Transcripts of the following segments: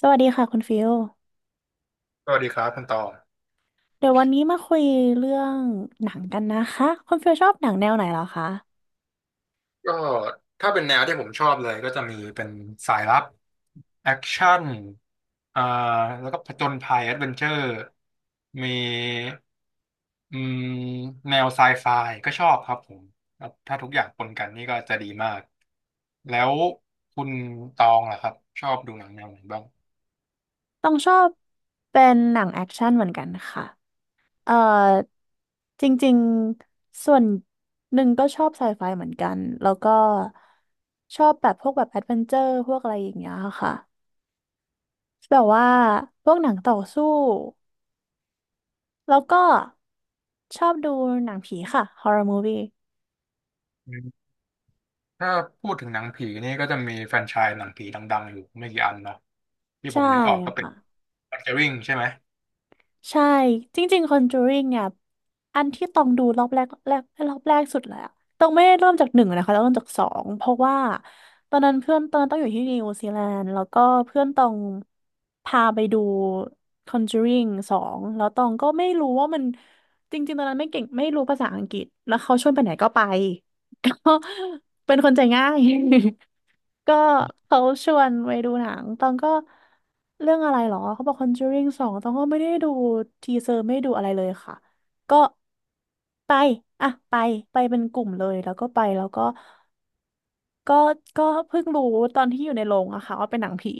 สวัสดีค่ะคุณฟิลสวัสดีครับคุณตองเดี๋ยววันนี้มาคุยเรื่องหนังกันนะคะคุณฟิลชอบหนังแนวไหนเหรอคะก็ถ้าเป็นแนวที่ผมชอบเลยก็จะมีเป็นสายลับแอคชั่นอ่าแล้วก็ผจญภัยแอดเวนเจอร์มีอืมแนวไซไฟก็ชอบครับผมครับถ้าทุกอย่างปนกันนี่ก็จะดีมากแล้วคุณตองล่ะครับชอบดูหนังแนวไหนบ้างต้องชอบเป็นหนังแอคชั่นเหมือนกันค่ะเอ่อจริงๆส่วนหนึ่งก็ชอบไซไฟเหมือนกันแล้วก็ชอบแบบพวกแบบแอดเวนเจอร์พวกอะไรอย่างเงี้ยค่ะแบบว่าพวกหนังต่อสู้แล้วก็ชอบดูหนังผีค่ะ h o r r o r Movie อืมถ้าพูดถึงหนังผีนี่ก็จะมีแฟรนไชส์หนังผีดังๆอยู่ไม่กี่อันเนาะที่ผใช่มนึกออกก็เป็น ค่ะ Conjuring ใช่ไหมใช่จริงๆคอนจูริงเนี่ยอันที่ต้องดูรอบแรกสุดเลยอะต้องไม่ได้เริ่มจากหนึ่งนะคะต้องเริ่มจากสองเพราะว่าตอนนั้นต้องอยู่ที่นิวซีแลนด์แล้วก็เพื่อนต้องพาไปดู Conjuring สองแล้วตองก็ไม่รู้ว่ามันจริงๆตอนนั้นไม่เก่งไม่รู้ภาษาอังกฤษแล้วเขาชวนไปไหนก็ไป ก็เป็นคนใจง่าย ก็เขาชวนไปดูหนัง ตองก็เรื่องอะไรหรอ เขาบอก Conjuring สองตองก็ไม่ได้ดูทีเซอร์ไม่ได้ดูอะไรเลยค่ะ ก็ไปอ่ะไปไปเป็นกลุ่มเลยแล้วก็ไปแล้วก็ก็เพิ่งรู้ตอนที่อยู่ในโรงอะค่ะว่าเป็นหนังผี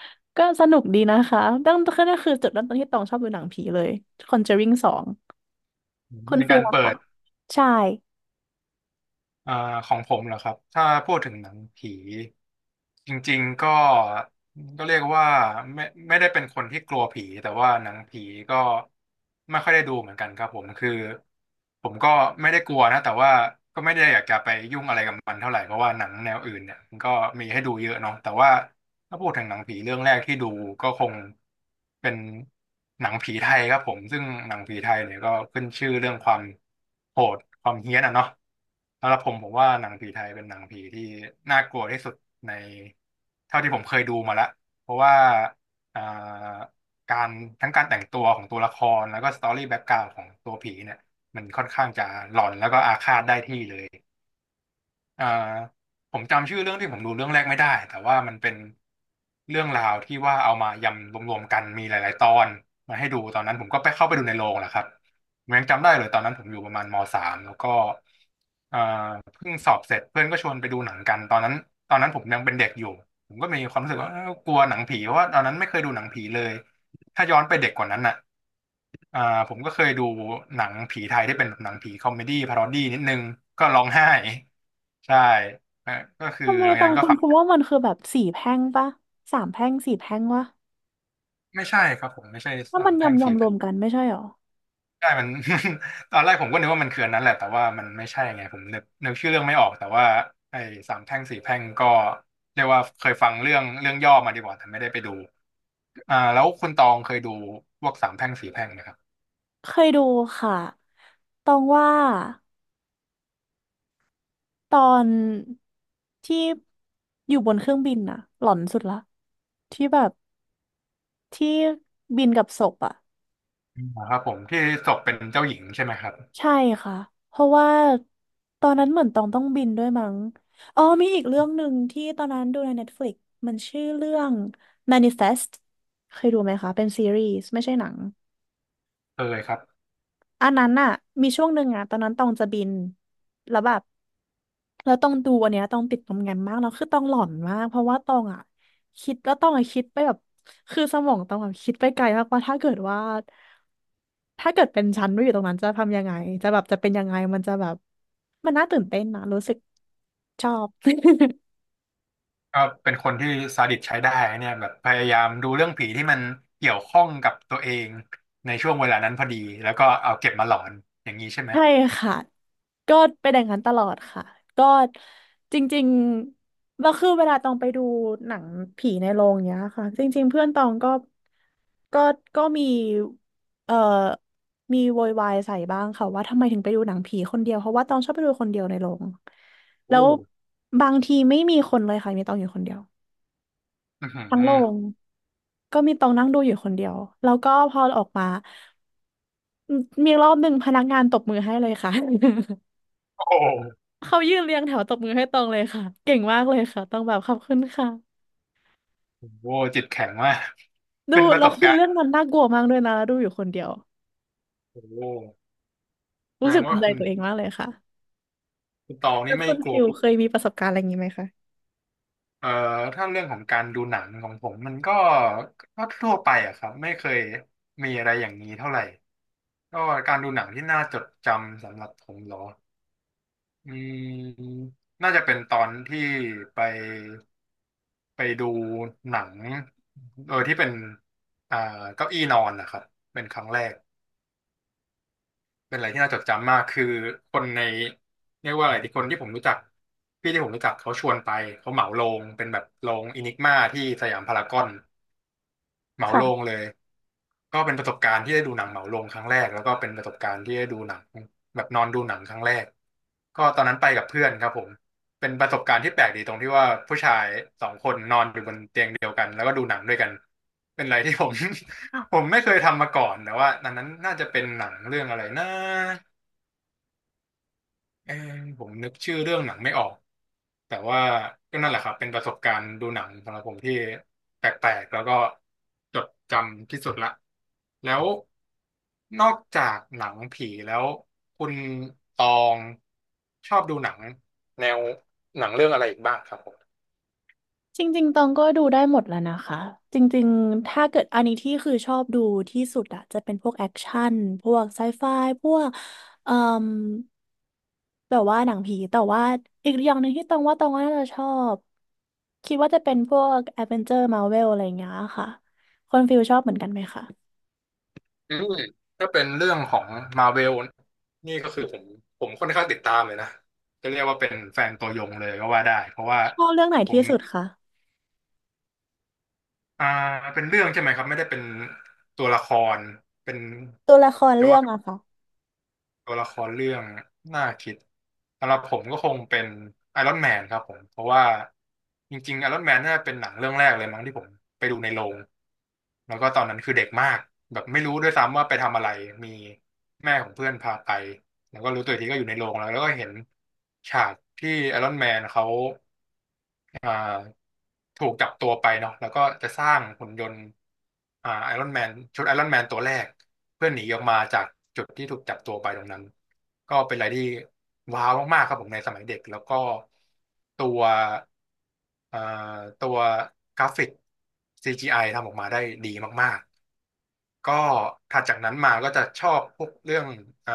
ก็สนุกดีนะคะตั้งแต่นั่นคือจุดเริ่มต้นที่ตองชอบดูหนังผีเลย Conjuring สองคุณในฟิกาลรล่ะเปิค่ะด ใช่ อ่าของผมเหรอครับถ้าพูดถึงหนังผีจริงๆก็เรียกว่าไม่ไม่ได้เป็นคนที่กลัวผีแต่ว่าหนังผีก็ไม่ค่อยได้ดูเหมือนกันครับผมคือผมก็ไม่ได้กลัวนะแต่ว่าก็ไม่ได้อยากจะไปยุ่งอะไรกับมันเท่าไหร่เพราะว่าหนังแนวอื่นเนี่ยมันก็มีให้ดูเยอะเนาะแต่ว่าถ้าพูดถึงหนังผีเรื่องแรกที่ดูก็คงเป็นหนังผีไทยครับผมซึ่งหนังผีไทยเนี่ยก็ขึ้นชื่อเรื่องความโหดความเฮี้ยนอะเนาะ สำหรับผมผมว่าหนังผีไทยเป็นหนังผีที่น่ากลัวที่สุดในเท่าที่ผมเคยดูมาละเพราะว่าอ่าการทั้งการแต่งตัวของตัวละครแล้วก็สตอรี่แบ็กกราวด์ของตัวผีเนี่ยมันค่อนข้างจะหลอนแล้วก็อาฆาตได้ที่เลย อ่าผมจำชื่อเรื่องที่ผมดูเรื่องแรกไม่ได้แต่ว่ามันเป็นเรื่องราวที่ว่าเอามายำรวมๆกันมีหลายๆตอนมาให้ดูตอนนั้นผมก็ไปเข้าไปดูในโรงแหละครับผมยังจำได้เลยตอนนั้นผมอยู่ประมาณมสามแล้วก็อ่าเพิ่งสอบเสร็จเพื่อนก็ชวนไปดูหนังกันตอนนั้นตอนนั้นผมยังเป็นเด็กอยู่ผมก็มีความรู้สึกว่าเอ้ากลัวหนังผีเพราะว่าตอนนั้นไม่เคยดูหนังผีเลยถ้าย้อนไปเด็กกว่านั้นน่ะอ่าผมก็เคยดูหนังผีไทยที่เป็นแบบหนังผีคอมเมดี้พารอดี้นิดนึงก็ร้องไห้ ใช่นะก็คือทำไมหลังตจากองนั้นก็คุณฝังคุณว่ามันคือแบบสี่แพร่งปะสามแพร่งสี่แพร่งวะ ไม่ใช่ครับผมไม่ใช่ถ้าสามัรนแพ่งยำสี่ยำรแผ่วนมกันไม่ใช่หรอใช่มัน ตอนแรกผมก็นึกว่ามันคืออันนั้นแหละแต่ว่ามันไม่ใช่ไงผมนึกชื่อเรื่องไม่ออกแต่ว่าไอ้สามแพร่งสี่แพร่งก็เรียกว่าเคยฟังเรื่องย่อมาดีกว่าแต่ไม่ได้ไปดูแล้วคุณตองเคยดูพวกสามแพร่งสี่แพร่งไหมครับเคยดูค่ะตองว่าตอนที่อยู่บนเครื่องบินน่ะหลอนสุดละที่แบบที่บินกับศพอะครับผมที่ศกเป็นเจ้าหญิงใช่ไหมครับใช่ค่ะเพราะว่าตอนนั้นเหมือนตองต้องบินด้วยมั้งอ๋อมีอีกเรื่องหนึ่งที่ตอนนั้นดูใน Netflix มันชื่อเรื่อง Manifest เคยดูไหมคะเป็นซีรีส์ไม่ใช่หนังเคยครับ อันนั้นน่ะมีช่วงหนึ่งอะตอนนั้นตองจะบินแล้วแบบ แล้วต้องดูอันเนี้ยต้องติดตรงงานมากแล้วคือต้องหลอนมากเพราะว่าต้องอ่ะคิดแล้วต้องอ่ะคิดไปแบบคือสมองต้องแบบคิดไปไกลมากว่าถ้าเกิดว่าถ้าเกิดเป็นฉันไม่อยู่ตรงนั้นจะทำยังไงจะแบบจะเป็นยังไงมันจะแบบมันน่าตื่นเต้นนะรู้สึกชอบ ก็เป็นคนที่ซาดิสใช้ได้เนี่ยแบบพยายามดูเรื่องผีที่มันเกี่ยวข้องกับตัวเองในช่วงเวลานั้นพอดีแล้วก็เอาเก็บมาหลอนอย่างนี้ใช่ไหมใช่ค่ะก็เป็นอย่างนั้นตลอดค่ะก็จริงๆแล้วคือเวลาตองไปดูหนังผีในโรงเนี้ยค่ะจริงๆเพื่อนตองก็ก็มีเอ่อมีโวยวายใส่บ้างค่ะว่าทำไมถึงไปดูหนังผีคนเดียวเพราะว่าตองชอบไปดูคนเดียวในโรงแล้โอ้วบางทีไม่มีคนเลยค่ะมีตองอยู่คนเดียวอือหืทั้งโรองก็มีตองนั่งดูอยู่คนเดียวแล้วก็พอออกมามีรอบหนึ่งพนักงานตบมือให้เลยค่ะ โอ้โหเขายืนเรียงแถวตบมือให้ตรงเลยค่ะเก่งมากเลยค่ะต้องแบบขอบคุณค่ะโอ้โหจิตแข็งมากเป็ดูนประสแล้วบคืกาอรณ์เรื่องมันน่ากลัวมากด้วยนะแล้วดูอยู่คนเดียวโอ้โหแสรู้ดสึงกภูว่ามิใจคุณตัวเองมากเลยค่ะคุณตองแล้นี่วไม่คุณกลัฟิวลเคยมีประสบการณ์อะไรอย่างนี้ไหมคะเอ่อถ้าเรื่องของการดูหนังของผมมันก็ก็ทั่วไปอะครับไม่เคยมีอะไรอย่างนี้เท่าไหร่ก็การดูหนังที่น่าจดจำสำหรับผมเหรอ อืมน่าจะเป็นตอนที่ไปดูหนังที่เป็นอ่าเก้าอี้นอนนะครับเป็นครั้งแรก เป็นอะไรที่น่าจดจำมาก คือคนในเรียกว่าอะไรที่คนที่ผมรู้จัก พี่ที่ผมรู้จักเขาชวนไป เขาเหมาโรงเป็นแบบโรงอินิกมาที่สยามพารากอน เหมาโรงค่ะ เลย ก็เป็นประสบการณ์ที่ได้ดูหนังเหมาโรงครั้งแรกแล้วก็เป็นประสบการณ์ที่ได้ดูหนังแบบนอนดูหนังครั้งแรกก็ตอนนั้นไปกับเพื่อนครับผมเป็นประสบการณ์ที่แปลกดีตรงที่ว่าผู้ชายสองคนนอนอยู่บนเตียงเดียวกันแล้วก็ดูหนังด้วยกันเป็นอะไรที่ผม ผมไม่เคยทำมาก่อนแต่ว่าอันนั้นน่าจะเป็นหนังเรื่องอะไรนะ เออผมนึกชื่อเรื่องหนังไม่ออกแต่ว่าก็นั่นแหละครับเป็นประสบการณ์ดูหนังสำหรับผมที่แปลกๆแล้วก็จดจำที่สุดละแล้วนอกจากหนังผีแล้วคุณตองชอบดูหนังแนวหนังเรื่องอะไรอีกบ้างครับผมจริงๆตองก็ดูได้หมดแล้วนะคะจริงๆถ้าเกิดอันนี้ที่คือชอบดูที่สุดอะจะเป็นพวกแอคชั่นพวกไซไฟพวกเอ่มแบบว่าหนังผีแต่ว่าอีกอย่างหนึ่งที่ตองว่าน่าจะชอบคิดว่าจะเป็นพวกแอดเวนเจอร์มาเวลอะไรอย่างเงี้ยค่ะคนฟิลชอบเหมือนกันไหมคะอืมถ้าเป็นเรื่องของมาเวลนี่ก็คือผมค่อนข้างติดตามเลยนะจะเรียกว่าเป็นแฟนตัวยงเลยก็ว่าได้เพราะว่าชอบเรื่องไหนผที่ม สุดคะอ่าเป็นเรื่องใช่ไหมครับไม่ได้เป็นตัวละครเป็นตัวละครจะเรื่อว่างอะค่ะตัวละครเรื่องน่าคิดสำหรับผมก็คงเป็นไอรอนแมนครับผมเพราะว่าจริงๆไอรอนแมนน่าจะเป็นหนังเรื่องแรกเลยมั้งที่ผมไปดูในโรงแล้วก็ตอนนั้นคือเด็กมากแบบไม่รู้ด้วยซ้ำว่าไปทำอะไรมีแม่ของเพื่อนพาไปแล้วก็รู้ตัวอีกทีก็อยู่ในโรงแล้วแล้วก็เห็นฉากที่ไอรอนแมนเขา อ่าถูกจับตัวไปเนาะแล้วก็จะสร้างหุ่นยนต์ไอรอนแมนชุดไอรอนแมนตัวแรกเพื่อหนีออกมาจากจุดที่ถูกจับตัวไปตรงนั้นก็เป็นอะไรที่ว้าวมากๆครับผมในสมัยเด็กแล้วก็ตัวอ่าตัวกราฟิก CGI ทำออกมาได้ดีมากๆก็ถัดจากนั้นมาก็จะชอบพวกเรื่องอ่า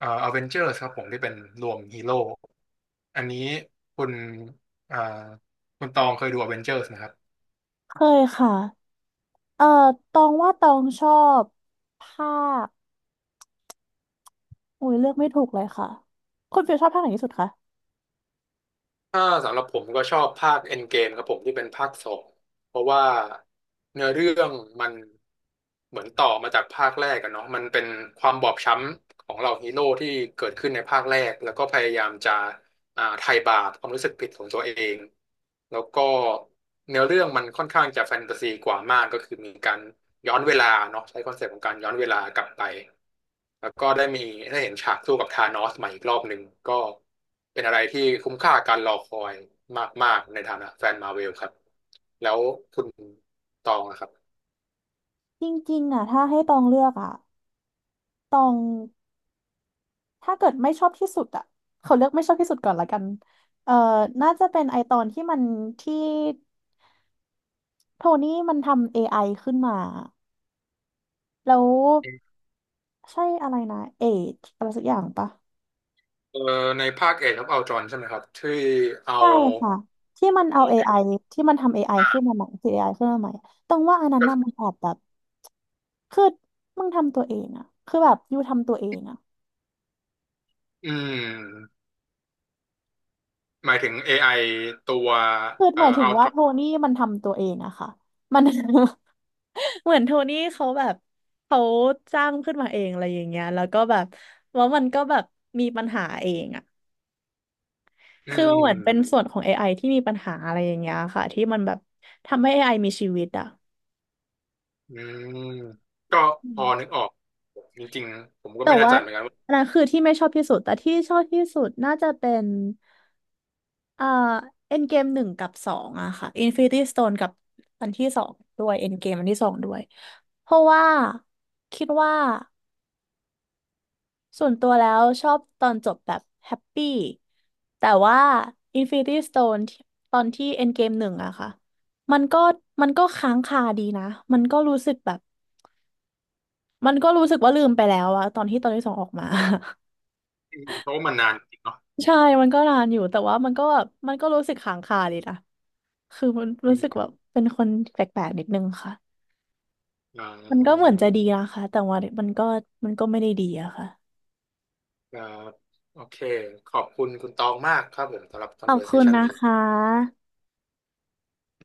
อเวนเจอร์ครับผมที่เป็นรวมฮีโร่อันนี้คุณอ่าคุณตองเคยดูอเวนเจอร์นะครับเคยค่ะเอ่อตองว่าตองชอบภาค โอุ้ยเลือกไม่ถูกเลยค่ะคุณฟิลชอบภาคไหนที่สุดคะถ้าสำหรับผมก็ชอบภาคเอ็นเกมครับผมที่เป็นภาคสองเพราะว่าเนื้อเรื่องมันเหมือนต่อมาจากภาคแรกกันเนาะมันเป็นความบอบช้ำของเหล่าฮีโร่ที่เกิดขึ้นในภาคแรกแล้วก็พยายามจะ ไทยบาทความรู้สึกผิดของตัวเองแล้วก็เนื้อเรื่องมันค่อนข้างจะแฟนตาซีกว่ามากก็คือมีการย้อนเวลาเนาะใช้คอนเซปต์ของการย้อนเวลากลับไปแล้วก็ได้มีได้เห็นฉากสู้กับธานอสใหม่อีกรอบหนึ่งก็เป็นอะไรที่คุ้มค่าการรอคอยมากๆในฐานะแฟนมาเวลครับแล้วคุณตองนะครับจริงๆอ่ะถ้าให้ตองเลือกอ่ะตองถ้าเกิดไม่ชอบที่สุดอ่ะเขาเลือกไม่ชอบที่สุดก่อนละกันเอ่อน่าจะเป็นไอตอนที่มันที่โทนี่มันทำ a อไอขึ้นมาแล้วใช่อะไรนะ Age อะไรสักอย่างปะเออในภาคเอ e of Ultron ใช่ไหมครับที่เอาใช่ค่ะที่มันเอา เอา a อเอกไอที่มันทำ a อไอขึ้นมาใหม่คือ AI ขึ้นมาใหม่ตองว่าอันนั้นน่ะมันแอบแบบคือมึงทำตัวเองอะคือแบบยูทำตัวเองอะ อืม หมายถึง AI ตัวคือหมายถึอังลตว่ารโทนี่มันทำตัวเองอะค่ะมัน เหมือนโทนี่เขาแบบเขาจ้างขึ้นมาเองอะไรอย่างเงี้ยแล้วก็แบบว่ามันก็แบบมีปัญหาเองอะอืคือมันเหมือนเป็นมส่วนของเอไ i ที่มีปัญหาอะไรอย่างเงี้ยค่ะที่มันแบบทำให้เอไอมีชีวิตอะอืมก็อืพมอนึกออกจริงๆผมก็แต่ไม่แน่ว่าใจเหมือนกันว่าอันนั้นคือที่ไม่ชอบที่สุด แต่ที่ชอบที่สุดน่าจะเป็น เอ่อเอ็นเกมหนึ่งกับสองอะค่ะ Infinity Stone กับอันที่สองด้วยเอ็นเกมอันที่สองด้วยเพราะว่าคิดว่าส่วนตัวแล้วชอบตอนจบแบบแฮปปี้แต่ว่า Infinity Stone ที่ตอนที่เอ็นเกมหนึ่งอะค่ะมันก็มันก็ค้างคาดีนะมันก็รู้สึกแบบมันก็รู้สึกว่าลืมไปแล้วอะตอนที่ตอนที่สองออกมา อืมเพราะว่ามันนานจริงเนาะ ใช่มันก็นานอยู่แต่ว่ามันก็แบบมันก็รู้สึกค้างคาดีนะคือมันอืรู้สึกแบมบเป็นคนแปลกๆนิดนึงค่ะ อ่ามันก็เหมือนจะดีนะคะแต่ว่ามันก็มันก็ไม่ได้ดีอะค่ะครับโอเคขอบคุณคุณตองมากครับผมสำหรับ ขอบคุณ conversation นะนี้คะ